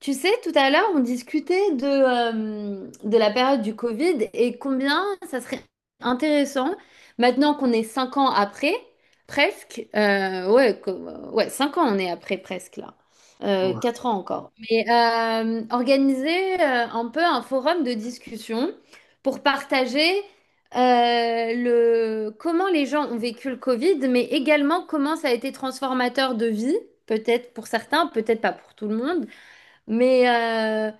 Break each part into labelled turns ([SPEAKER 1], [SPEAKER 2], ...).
[SPEAKER 1] Tu sais, tout à l'heure, on discutait de la période du Covid et combien ça serait intéressant, maintenant qu'on est 5 ans après, presque, ouais, ouais, 5 ans on est après presque là,
[SPEAKER 2] Ouais.
[SPEAKER 1] 4 ans encore, mais organiser un peu un forum de discussion pour partager comment les gens ont vécu le Covid, mais également comment ça a été transformateur de vie, peut-être pour certains, peut-être pas pour tout le monde. Mais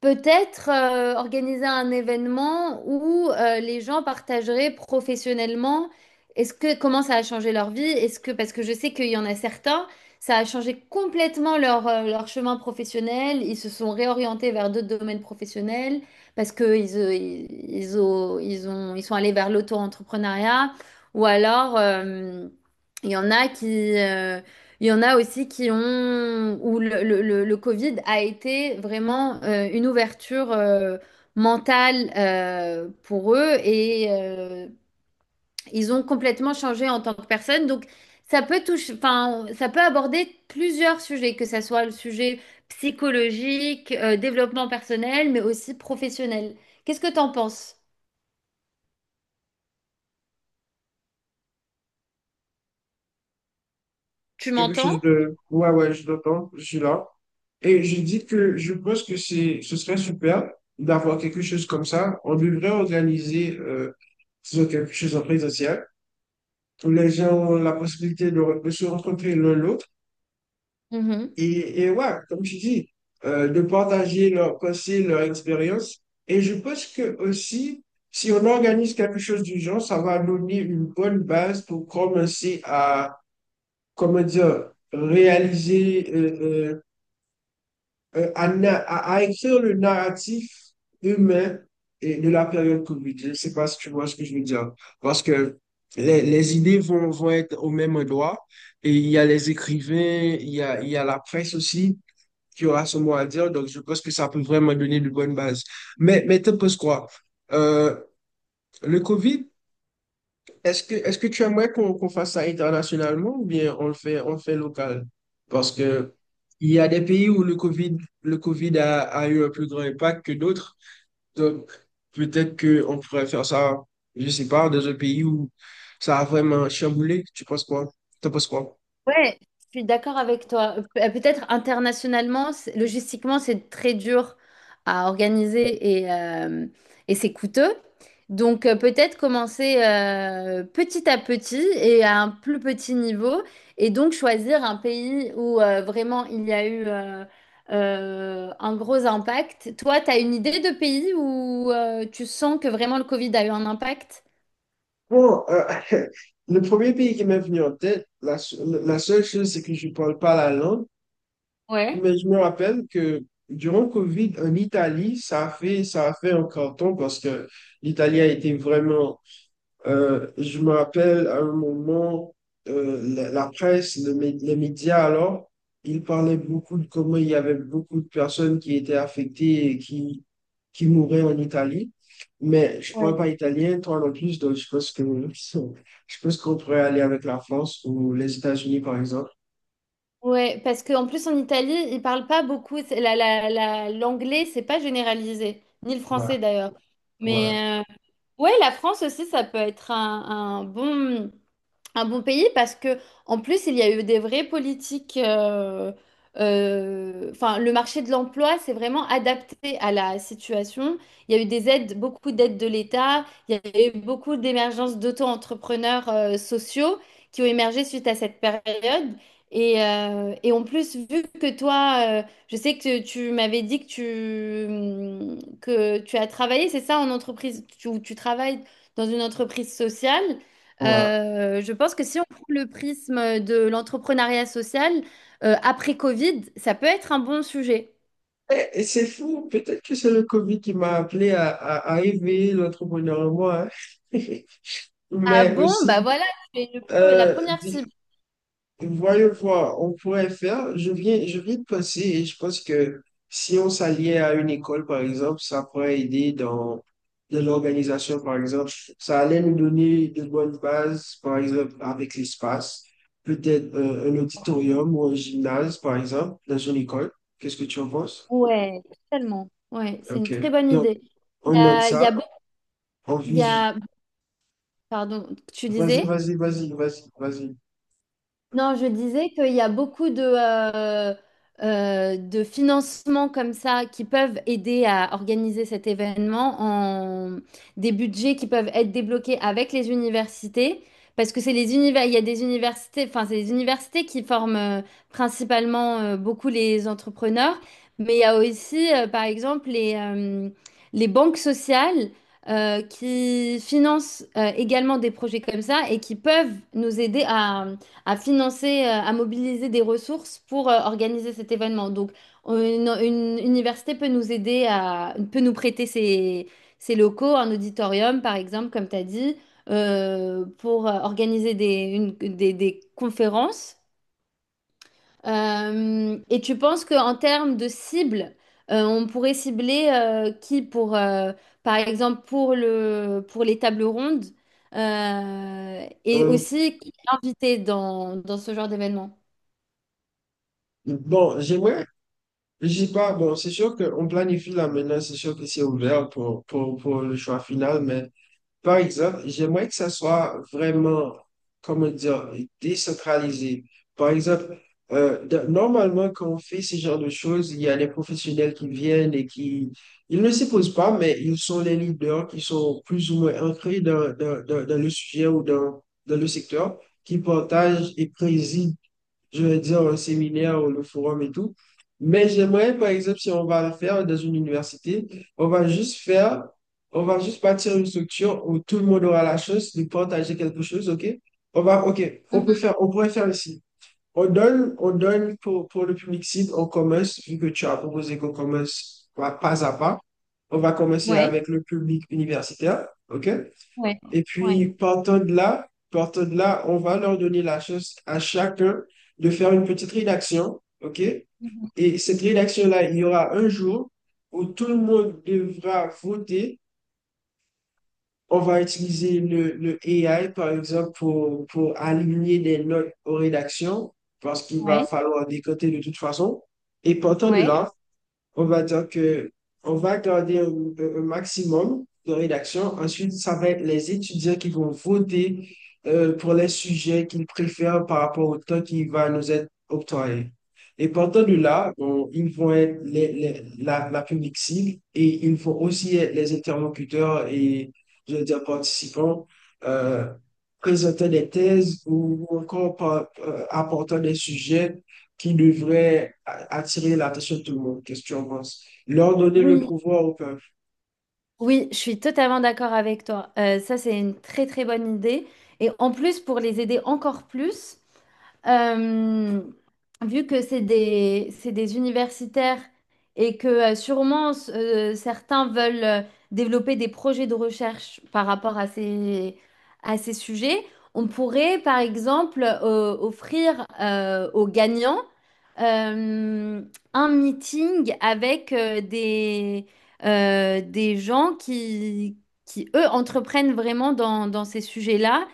[SPEAKER 1] peut-être organiser un événement où les gens partageraient professionnellement est-ce que comment ça a changé leur vie? Est-ce que parce que je sais qu'il y en a certains, ça a changé complètement leur chemin professionnel, ils se sont réorientés vers d'autres domaines professionnels parce que ils sont allés vers l'auto-entrepreneuriat ou alors il y en a qui, euh, il y en a aussi qui ont, où le Covid a été vraiment une ouverture mentale pour eux et ils ont complètement changé en tant que personne. Donc, ça peut toucher, enfin, ça peut aborder plusieurs sujets, que ce soit le sujet psychologique, développement personnel, mais aussi professionnel. Qu'est-ce que tu en penses? Tu
[SPEAKER 2] C'est quelque chose
[SPEAKER 1] m'entends?
[SPEAKER 2] de... Ouais, ouais, je l'entends, je suis là. Et je dis que je pense que c'est, ce serait super d'avoir quelque chose comme ça. On devrait organiser disons, quelque chose en présentiel où les gens ont la possibilité de, de se rencontrer l'un l'autre. Et ouais, comme tu dis, de partager leurs pensées, leur expérience. Et je pense que aussi, si on organise quelque chose du genre, ça va donner une bonne base pour commencer comment dire, réaliser, à, à écrire le narratif humain et de la période Covid. Je ne sais pas si tu vois ce que je veux dire. Parce que les idées vont être au même endroit. Et il y a les écrivains, il y a la presse aussi qui aura son mot à dire. Donc, je pense que ça peut vraiment donner de bonnes bases. Mais tu penses quoi? Euh, le Covid, est-ce que, est-ce que tu aimerais qu'on fasse ça internationalement ou bien on le fait local? Parce que il y a des pays où le COVID a, a eu un plus grand impact que d'autres. Donc, peut-être qu'on pourrait faire ça, je sais pas, dans un pays où ça a vraiment chamboulé. Tu penses quoi? T'en penses quoi?
[SPEAKER 1] Ouais, je suis d'accord avec toi. Peut-être internationalement, logistiquement, c'est très dur à organiser et c'est coûteux. Donc peut-être commencer petit à petit et à un plus petit niveau et donc choisir un pays où vraiment il y a eu un gros impact. Toi, tu as une idée de pays où tu sens que vraiment le Covid a eu un impact?
[SPEAKER 2] Bon, le premier pays qui m'est venu en tête, la, la seule chose, c'est que je parle pas la langue.
[SPEAKER 1] Ouais.
[SPEAKER 2] Mais je me rappelle que durant Covid, en Italie, ça a fait un carton parce que l'Italie a été vraiment. Je me rappelle à un moment, la, la presse, le les médias alors, ils parlaient beaucoup de comment il y avait beaucoup de personnes qui étaient affectées et qui mouraient en Italie. Mais je ne parle pas italien, toi non plus, donc je pense que je pense qu'on pourrait aller avec la France ou les États-Unis, par exemple.
[SPEAKER 1] Ouais, parce qu'en plus en Italie, ils parlent pas beaucoup. L'anglais, c'est pas généralisé, ni le
[SPEAKER 2] Ouais,
[SPEAKER 1] français d'ailleurs.
[SPEAKER 2] ouais,
[SPEAKER 1] Mais ouais, la France aussi, ça peut être un bon pays parce que en plus il y a eu des vraies politiques enfin le marché de l'emploi s'est vraiment adapté à la situation. Il y a eu des aides beaucoup d'aides de l'État. Il y a eu beaucoup d'émergences d'auto-entrepreneurs sociaux qui ont émergé suite à cette période. Et en plus, vu que toi, je sais que tu m'avais dit que que tu as travaillé, c'est ça, en entreprise, où tu travailles dans une entreprise sociale.
[SPEAKER 2] ouais.
[SPEAKER 1] Je pense que si on prend le prisme de l'entrepreneuriat social, après Covid, ça peut être un bon sujet.
[SPEAKER 2] Eh, et c'est fou, peut-être que c'est le Covid qui m'a appelé à éveiller l'entrepreneur en moi, hein.
[SPEAKER 1] Ah
[SPEAKER 2] Mais
[SPEAKER 1] bon, bah
[SPEAKER 2] aussi,
[SPEAKER 1] voilà, c'est la
[SPEAKER 2] euh,
[SPEAKER 1] première cible.
[SPEAKER 2] di- voyons voir, on pourrait faire, je viens de penser et je pense que si on s'alliait à une école, par exemple, ça pourrait aider dans, dans l'organisation, par exemple. Ça allait nous donner de bonnes bases, par exemple, avec l'espace. Peut-être un auditorium ou un gymnase, par exemple, dans une école. Qu'est-ce que tu en penses?
[SPEAKER 1] Ouais, tellement. Ouais, c'est une très
[SPEAKER 2] Ok.
[SPEAKER 1] bonne idée.
[SPEAKER 2] On note
[SPEAKER 1] Il
[SPEAKER 2] ça.
[SPEAKER 1] y a beaucoup-
[SPEAKER 2] On
[SPEAKER 1] il y
[SPEAKER 2] vise.
[SPEAKER 1] a- Pardon, tu
[SPEAKER 2] Vas-y,
[SPEAKER 1] disais?
[SPEAKER 2] vas-y, vas-y, vas-y, vas-y.
[SPEAKER 1] Non, je disais qu'il y a beaucoup de financements comme ça qui peuvent aider à organiser cet événement en des budgets qui peuvent être débloqués avec les universités. Parce que il y a des universités, enfin, c'est les universités qui forment principalement beaucoup les entrepreneurs, mais il y a aussi, par exemple, les banques sociales qui financent également des projets comme ça et qui peuvent nous aider à financer, à mobiliser des ressources pour organiser cet événement. Donc, une université peut nous aider peut nous prêter ses locaux, un auditorium, par exemple, comme tu as dit, pour organiser des conférences. Et tu penses qu'en termes de cible, on pourrait cibler qui pour, par exemple, pour les tables rondes, et
[SPEAKER 2] Euh,
[SPEAKER 1] aussi qui est invité dans ce genre d'événement?
[SPEAKER 2] bon, j'aimerais, je sais pas, bon, c'est sûr qu'on planifie là maintenant, c'est sûr que c'est ouvert pour le choix final, mais par exemple, j'aimerais que ça soit vraiment, comment dire, décentralisé. Par exemple, normalement, quand on fait ce genre de choses, il y a des professionnels qui viennent et qui, ils ne s'y posent pas, mais ils sont les leaders qui sont plus ou moins ancrés dans, dans le sujet ou dans, dans le secteur, qui partagent et président, je vais dire, un séminaire ou le forum et tout. Mais j'aimerais, par exemple, si on va le faire dans une université, on va juste faire, on va juste bâtir une structure où tout le monde aura la chance de partager quelque chose, OK? On va, OK, on peut
[SPEAKER 1] Mhm.
[SPEAKER 2] faire, on pourrait faire ici. On donne pour le public cible, on commence, vu que tu as proposé qu'on commence pas pas à pas. On va commencer avec le public universitaire, OK? Et puis,
[SPEAKER 1] Ouais.
[SPEAKER 2] partant de là, on va leur donner la chance à chacun de faire une petite rédaction, OK?
[SPEAKER 1] Mhm.
[SPEAKER 2] Et cette rédaction-là, il y aura un jour où tout le monde devra voter. On va utiliser le AI, par exemple, pour aligner des notes aux rédactions, parce qu'il va
[SPEAKER 1] Ouais.
[SPEAKER 2] falloir décoter de toute façon. Et partant de
[SPEAKER 1] Ouais.
[SPEAKER 2] là, on va dire que on va garder un, un maximum de rédaction. Ensuite, ça va être les étudiants qui vont voter pour les sujets qu'ils préfèrent par rapport au temps qui va nous être octroyé. Et partant de là, bon, ils vont être la, la public cible et ils vont aussi être les interlocuteurs et, je veux dire, participants euh, présentant des thèses ou encore apportant des sujets qui devrait attirer l'attention de tout le monde. Qu'est-ce que tu en penses? Leur donner le
[SPEAKER 1] Oui,
[SPEAKER 2] pouvoir au peuple.
[SPEAKER 1] oui, je suis totalement d'accord avec toi. Ça, c'est une très très bonne idée. Et en plus, pour les aider encore plus, Euh, vu que c'est des universitaires et que sûrement certains veulent développer des projets de recherche par rapport à ces sujets, on pourrait par exemple offrir aux gagnants euh, un meeting avec des gens qui, eux, entreprennent vraiment dans ces sujets-là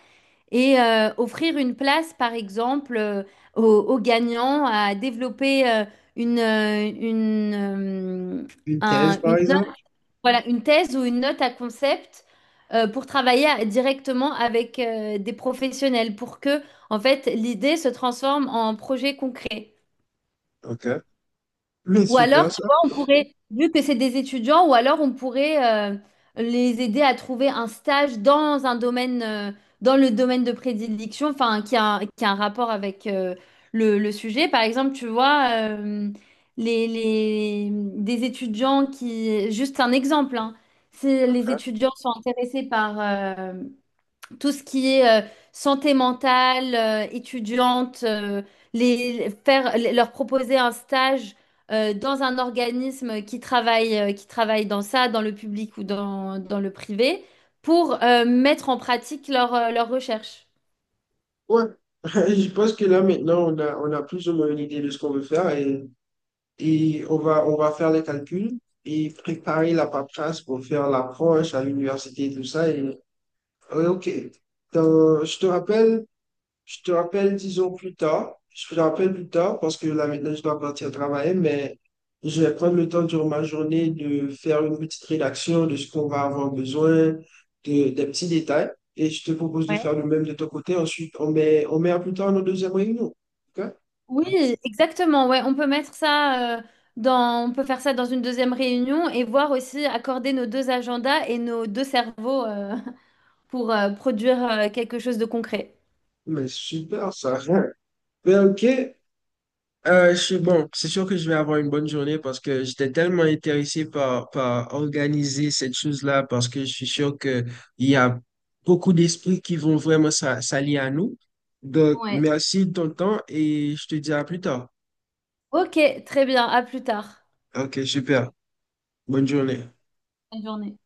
[SPEAKER 1] et offrir une place, par exemple, aux gagnants à développer une, euh, une, euh,
[SPEAKER 2] Une thèse,
[SPEAKER 1] un-
[SPEAKER 2] par
[SPEAKER 1] une
[SPEAKER 2] exemple.
[SPEAKER 1] note, voilà, une thèse ou une note à concept pour travailler directement avec des professionnels pour que, en fait, l'idée se transforme en projet concret.
[SPEAKER 2] OK. Mais
[SPEAKER 1] Ou alors,
[SPEAKER 2] super
[SPEAKER 1] tu
[SPEAKER 2] ça.
[SPEAKER 1] vois, on pourrait, vu que c'est des étudiants, ou alors on pourrait les aider à trouver un stage dans le domaine de prédilection, enfin, qui a un rapport avec le sujet. Par exemple, tu vois, des étudiants qui, juste un exemple, hein, si les
[SPEAKER 2] OK.
[SPEAKER 1] étudiants sont intéressés par tout ce qui est santé mentale, étudiante, leur proposer un stage dans un organisme qui travaille dans ça, dans le public ou dans le privé, pour mettre en pratique leur recherche.
[SPEAKER 2] Ouais. Je pense que là, maintenant, on a plus ou moins une idée de ce qu'on veut faire et, on va faire les calculs et préparer la paperasse pour faire l'approche à l'université et tout ça. Et, ouais, OK. Dans- je te rappelle Je te rappelle, disons, plus tard. Je te rappelle plus tard parce que là, maintenant, je dois partir travailler, mais je vais prendre le temps durant ma journée de faire une petite rédaction de ce qu'on va avoir besoin, de, des petits détails. Et je te propose de
[SPEAKER 1] Ouais.
[SPEAKER 2] faire le même de ton côté. Ensuite, on met à plus tard nos deuxième réunion. OK?
[SPEAKER 1] Oui, exactement. Ouais, on peut mettre ça on peut faire ça dans une deuxième réunion et voir aussi accorder nos deux agendas et nos deux cerveaux pour produire quelque chose de concret.
[SPEAKER 2] Mais super, ça. Ben, OK. Je suis bon, c'est sûr que je vais avoir une bonne journée parce que j'étais tellement intéressé par, par organiser cette chose-là parce que je suis sûr que il y a beaucoup d'esprits qui vont vraiment s'allier à nous. Donc,
[SPEAKER 1] Ouais.
[SPEAKER 2] merci de ton temps et je te dis à plus tard.
[SPEAKER 1] Ok, très bien. À plus tard.
[SPEAKER 2] Ok, super. Bonne journée.
[SPEAKER 1] Bonne journée.